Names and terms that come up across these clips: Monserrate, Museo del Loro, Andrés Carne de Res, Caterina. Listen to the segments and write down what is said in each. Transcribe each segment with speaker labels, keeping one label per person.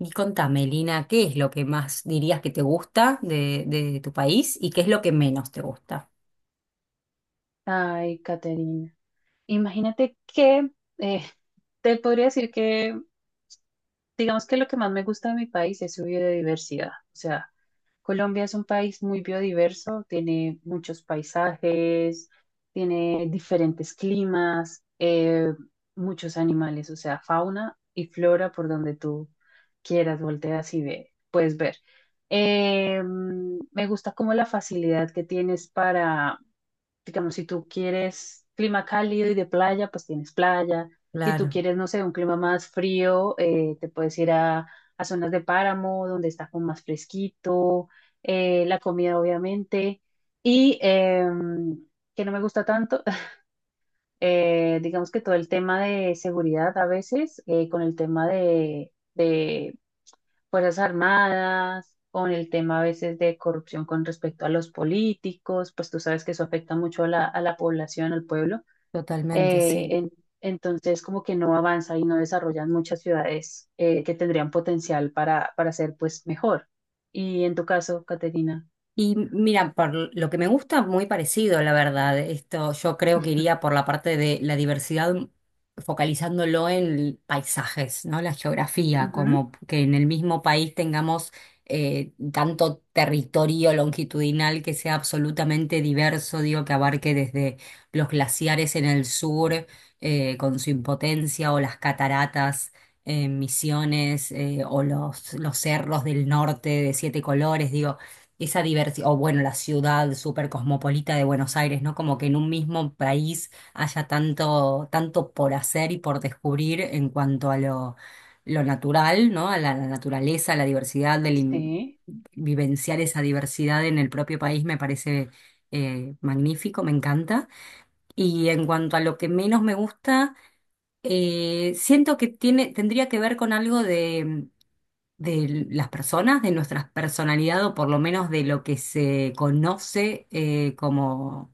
Speaker 1: Y contame, Lina, ¿qué es lo que más dirías que te gusta de tu país y qué es lo que menos te gusta?
Speaker 2: Ay, Caterina, imagínate que eh, te podría decir que, digamos que lo que más me gusta de mi país es su biodiversidad. O sea, Colombia es un país muy biodiverso, tiene muchos paisajes, tiene diferentes climas, muchos animales, o sea, fauna y flora por donde tú quieras, volteas y ve, puedes ver. Me gusta como la facilidad que tienes digamos, si tú quieres clima cálido y de playa, pues tienes playa. Si tú
Speaker 1: Claro,
Speaker 2: quieres, no sé, un clima más frío, te puedes ir a zonas de páramo, donde está como más fresquito, la comida obviamente. Y que no me gusta tanto, digamos que todo el tema de seguridad a veces, con el tema de Fuerzas Armadas, con el tema a veces de corrupción con respecto a los políticos, pues tú sabes que eso afecta mucho a a la población, al pueblo.
Speaker 1: totalmente,
Speaker 2: Eh,
Speaker 1: sí.
Speaker 2: en- entonces, como que no avanza y no desarrollan muchas ciudades que tendrían potencial para ser pues mejor. Y en tu caso, Caterina.
Speaker 1: Y mira, por lo que me gusta, muy parecido, la verdad. Esto yo creo que iría por la parte de la diversidad, focalizándolo en paisajes, ¿no? La geografía,
Speaker 2: Ujú.
Speaker 1: como que en el mismo país tengamos tanto territorio longitudinal que sea absolutamente diverso, digo, que abarque desde los glaciares en el sur, con su impotencia, o las cataratas en Misiones, o los cerros del norte de siete colores. Digo, esa diversidad, o bueno, la ciudad súper cosmopolita de Buenos Aires, ¿no? Como que en un mismo país haya tanto, tanto por hacer y por descubrir en cuanto a lo natural, ¿no? A la naturaleza, a la diversidad,
Speaker 2: Sí,
Speaker 1: vivenciar esa diversidad en el propio país me parece magnífico, me encanta. Y en cuanto a lo que menos me gusta, siento que tendría que ver con algo de las personas, de nuestra personalidad, o por lo menos de lo que se conoce, como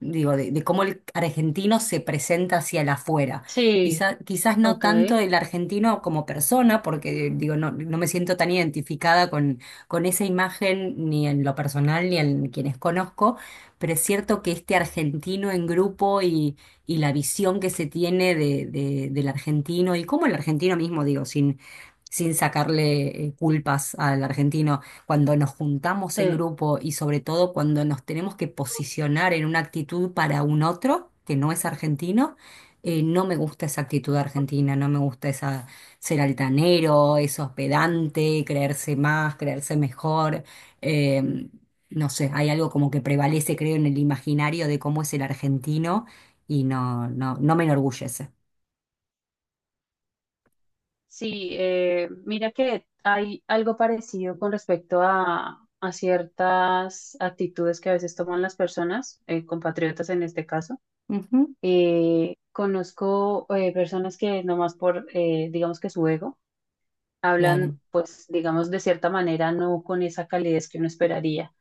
Speaker 1: digo, de cómo el argentino se presenta hacia el afuera.
Speaker 2: sí,
Speaker 1: Quizás no
Speaker 2: ok,
Speaker 1: tanto el argentino como persona, porque digo, no me siento tan identificada con esa imagen, ni en lo personal, ni en quienes conozco, pero es cierto que este argentino en grupo y la visión que se tiene del argentino, y cómo el argentino mismo, digo, sin... sin sacarle culpas al argentino cuando nos juntamos en
Speaker 2: sí.
Speaker 1: grupo, y sobre todo cuando nos tenemos que posicionar en una actitud para un otro que no es argentino, no me gusta esa actitud argentina, no me gusta esa, ser altanero, eso pedante, creerse más, creerse mejor. eh, no sé, hay algo como que prevalece, creo, en el imaginario de cómo es el argentino, y no me enorgullece.
Speaker 2: Sí, mira que hay algo parecido con respecto a ciertas actitudes que a veces toman las personas, compatriotas en este caso.
Speaker 1: Ujú,
Speaker 2: Conozco personas que nomás por, digamos que su ego, hablan,
Speaker 1: claro.
Speaker 2: pues, digamos, de cierta manera, no con esa calidez que uno esperaría.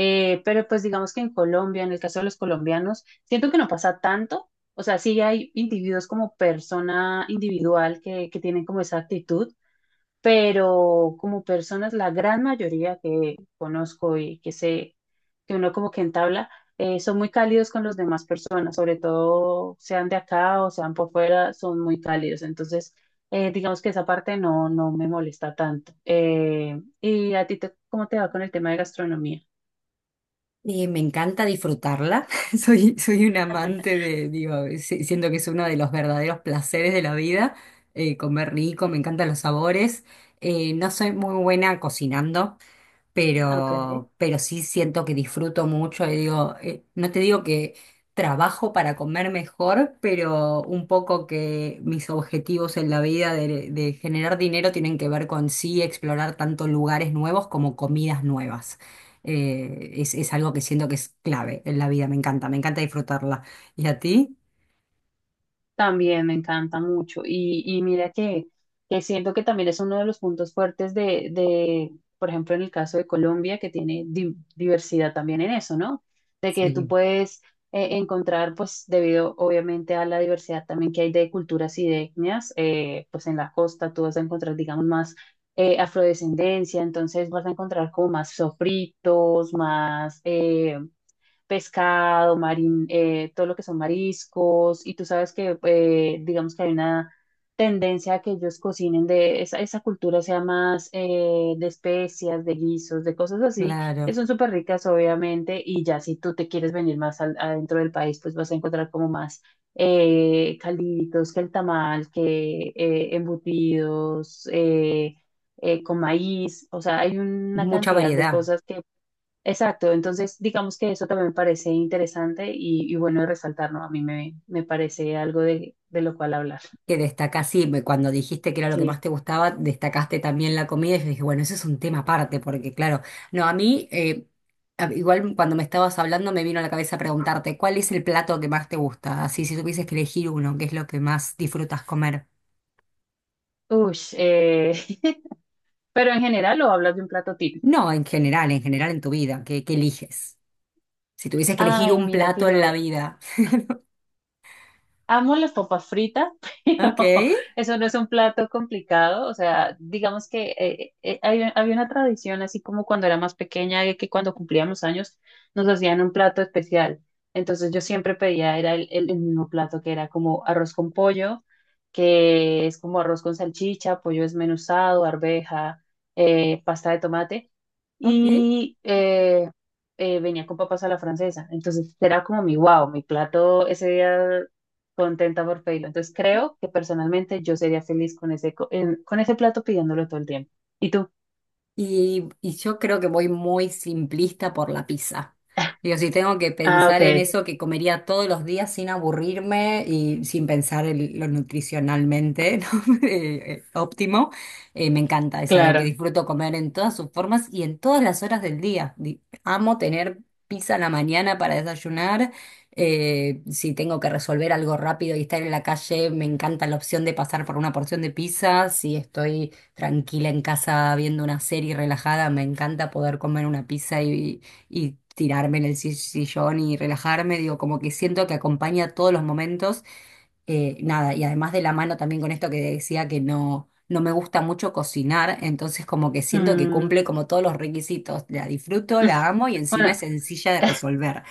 Speaker 2: Pero pues digamos que en Colombia, en el caso de los colombianos, siento que no pasa tanto. O sea, sí hay individuos como persona individual que tienen como esa actitud, pero como personas, la gran mayoría que conozco y que sé que uno como que entabla, son muy cálidos con las demás personas, sobre todo sean de acá o sean por fuera, son muy cálidos. Entonces, digamos que esa parte no, no me molesta tanto. ¿Y a ti te- cómo te va con el tema de gastronomía?
Speaker 1: Me encanta disfrutarla. Soy un amante de, digo, siento que es uno de los verdaderos placeres de la vida, comer rico, me encantan los sabores. No soy muy buena cocinando,
Speaker 2: Ok.
Speaker 1: pero sí siento que disfruto mucho, y digo, no te digo que trabajo para comer mejor, pero un poco que mis objetivos en la vida de generar dinero tienen que ver con sí explorar tanto lugares nuevos como comidas nuevas. Es algo que siento que es clave en la vida, me encanta disfrutarla. ¿Y a ti?
Speaker 2: También me encanta mucho. Y mira que siento que también es uno de los puntos fuertes por ejemplo, en el caso de Colombia, que tiene di- diversidad también en eso, ¿no? De que tú
Speaker 1: Sí,
Speaker 2: puedes encontrar, pues, debido obviamente a la diversidad también que hay de culturas y de etnias, pues en la costa tú vas a encontrar, digamos, más afrodescendencia, entonces vas a encontrar como más sofritos, más... pescado, marín, todo lo que son mariscos, y tú sabes que digamos que hay una tendencia a que ellos cocinen de esa, esa cultura sea más de especias, de guisos, de cosas así, que
Speaker 1: claro.
Speaker 2: son súper ricas obviamente, y ya si tú te quieres venir más al- adentro del país, pues vas a encontrar como más calditos, que el tamal, que embutidos, con maíz, o sea, hay una
Speaker 1: Mucha
Speaker 2: cantidad de
Speaker 1: variedad.
Speaker 2: cosas que... Exacto, entonces digamos que eso también me parece interesante y bueno de resaltar, ¿no? A mí me, me parece algo de lo cual hablar.
Speaker 1: Que destacás, sí, cuando dijiste que era lo que
Speaker 2: Sí.
Speaker 1: más te gustaba, destacaste también la comida, y yo dije, bueno, eso es un tema aparte, porque claro, no, a mí, igual cuando me estabas hablando me vino a la cabeza preguntarte, ¿cuál es el plato que más te gusta? Así, si tuvieses que elegir uno, ¿qué es lo que más disfrutas comer?
Speaker 2: Ush, pero en general lo hablas de un plato típico.
Speaker 1: No, en general, en general en tu vida, qué eliges. Si tuvieses que elegir
Speaker 2: Ay,
Speaker 1: un
Speaker 2: mira que
Speaker 1: plato en la
Speaker 2: yo
Speaker 1: vida.
Speaker 2: amo las papas fritas, pero
Speaker 1: Ok,
Speaker 2: eso no es un plato complicado. O sea, digamos que había una tradición, así como cuando era más pequeña, de que cuando cumplíamos años nos hacían un plato especial. Entonces yo siempre pedía, era el mismo plato que era como arroz con pollo, que es como arroz con salchicha, pollo desmenuzado, arveja, pasta de tomate
Speaker 1: ok.
Speaker 2: y venía con papas a la francesa. Entonces era como mi wow, mi plato ese día contenta por pedirlo. Entonces creo que personalmente yo sería feliz con con ese plato pidiéndolo todo el tiempo. ¿Y tú?
Speaker 1: Y yo creo que voy muy simplista por la pizza. Digo, si tengo que
Speaker 2: Ah, ok,
Speaker 1: pensar en eso que comería todos los días sin aburrirme y sin pensar en lo nutricionalmente, ¿no? Óptimo, me encanta. Es algo que
Speaker 2: claro.
Speaker 1: disfruto comer en todas sus formas y en todas las horas del día. Amo tener pizza en la mañana para desayunar. Si tengo que resolver algo rápido y estar en la calle, me encanta la opción de pasar por una porción de pizza. Si estoy tranquila en casa viendo una serie relajada, me encanta poder comer una pizza, y tirarme en el sillón y relajarme. Digo, como que siento que acompaña todos los momentos, nada, y además, de la mano también con esto que decía que no, no me gusta mucho cocinar. Entonces, como que siento que
Speaker 2: Mm.
Speaker 1: cumple como todos los requisitos, la disfruto, la amo, y encima
Speaker 2: Bueno,
Speaker 1: es sencilla de resolver.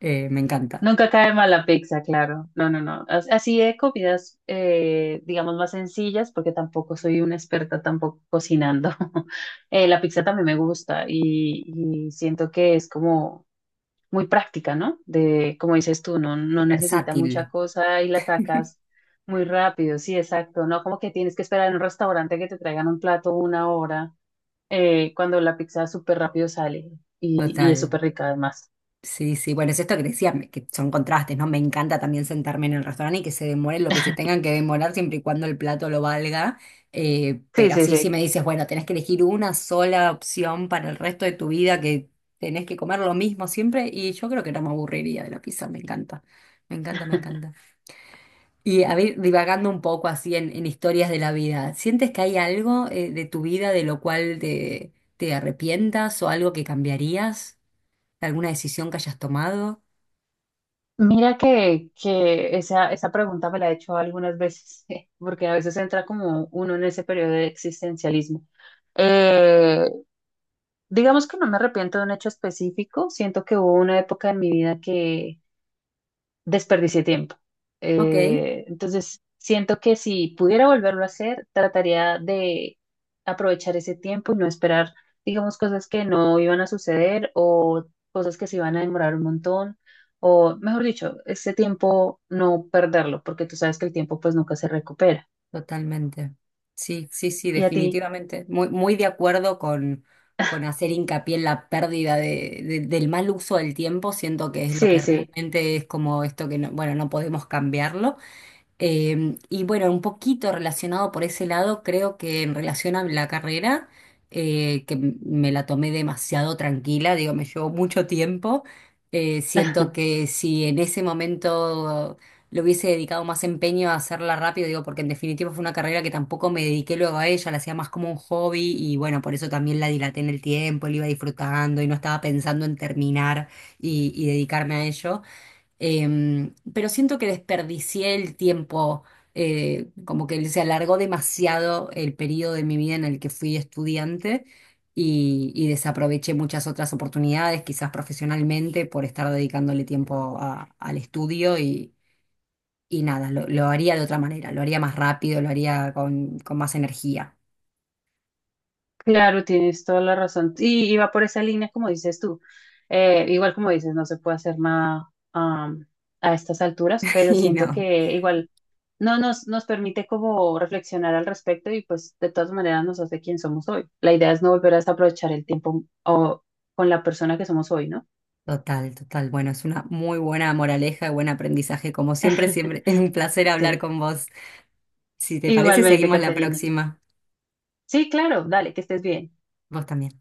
Speaker 1: Me encanta,
Speaker 2: nunca cae mal la pizza, claro. No, no, no. As- Así de comidas, digamos, más sencillas, porque tampoco soy una experta tampoco cocinando. La pizza también me gusta y siento que es como muy práctica, ¿no? De, como dices tú, no, no necesita
Speaker 1: versátil.
Speaker 2: mucha cosa y la sacas muy rápido, sí, exacto, no como que tienes que esperar en un restaurante que te traigan un plato una hora, cuando la pizza súper rápido sale y es
Speaker 1: Total.
Speaker 2: súper rica además.
Speaker 1: Sí, sí, bueno, es esto que decía, que son contrastes, ¿no? Me encanta también sentarme en el restaurante y que se demoren lo que se tengan que demorar, siempre y cuando el plato lo valga.
Speaker 2: Sí,
Speaker 1: Pero
Speaker 2: sí,
Speaker 1: sí, sí
Speaker 2: sí.
Speaker 1: me dices, bueno, tenés que elegir una sola opción para el resto de tu vida, que tenés que comer lo mismo siempre, y yo creo que no me aburriría de la pizza, me encanta, me encanta, me encanta. Y a ver, divagando un poco así en historias de la vida, ¿sientes que hay algo de tu vida de lo cual te arrepientas o algo que cambiarías? ¿Alguna decisión que hayas tomado?
Speaker 2: Mira que esa pregunta me la he hecho algunas veces, porque a veces entra como uno en ese periodo de existencialismo. Eh, digamos que no me arrepiento de un hecho específico, siento que hubo una época en mi vida que desperdicié tiempo.
Speaker 1: Ok,
Speaker 2: Entonces, siento que si pudiera volverlo a hacer, trataría de aprovechar ese tiempo y no esperar, digamos, cosas que no iban a suceder o cosas que se iban a demorar un montón, o mejor dicho, ese tiempo no perderlo, porque tú sabes que el tiempo pues nunca se recupera.
Speaker 1: totalmente. Sí, sí, sí,
Speaker 2: Y a ti,
Speaker 1: definitivamente. Muy, muy de acuerdo con hacer hincapié en la pérdida del mal uso del tiempo. Siento que es lo
Speaker 2: sí,
Speaker 1: que
Speaker 2: sí.
Speaker 1: realmente es como esto que no, bueno, no podemos cambiarlo. Y bueno, un poquito relacionado por ese lado, creo que en relación a la carrera, me la tomé demasiado tranquila, digo, me llevó mucho tiempo. Siento que si en ese momento le hubiese dedicado más empeño a hacerla rápido, digo, porque en definitiva fue una carrera que tampoco me dediqué luego a ella, la hacía más como un hobby, y bueno, por eso también la dilaté en el tiempo, la iba disfrutando y no estaba pensando en terminar y dedicarme a ello. Pero siento que desperdicié el tiempo, como que se alargó demasiado el periodo de mi vida en el que fui estudiante, y desaproveché muchas otras oportunidades, quizás profesionalmente, por estar dedicándole tiempo al estudio, y nada, lo haría de otra manera, lo haría más rápido, lo haría con más energía.
Speaker 2: Claro, tienes toda la razón. Y va por esa línea, como dices tú. Igual como dices, no se puede hacer nada a estas alturas, pero
Speaker 1: Y
Speaker 2: siento
Speaker 1: no,
Speaker 2: que igual no nos, nos permite como reflexionar al respecto y pues de todas maneras nos hace quien somos hoy. La idea es no volver a desaprovechar el tiempo o, con la persona que somos hoy, ¿no?
Speaker 1: total, total. Bueno, es una muy buena moraleja y buen aprendizaje. Como siempre, siempre es un placer hablar
Speaker 2: Sí.
Speaker 1: con vos. Si te parece,
Speaker 2: Igualmente,
Speaker 1: seguimos la
Speaker 2: Caterina.
Speaker 1: próxima.
Speaker 2: Sí, claro, dale, que estés bien.
Speaker 1: Vos también.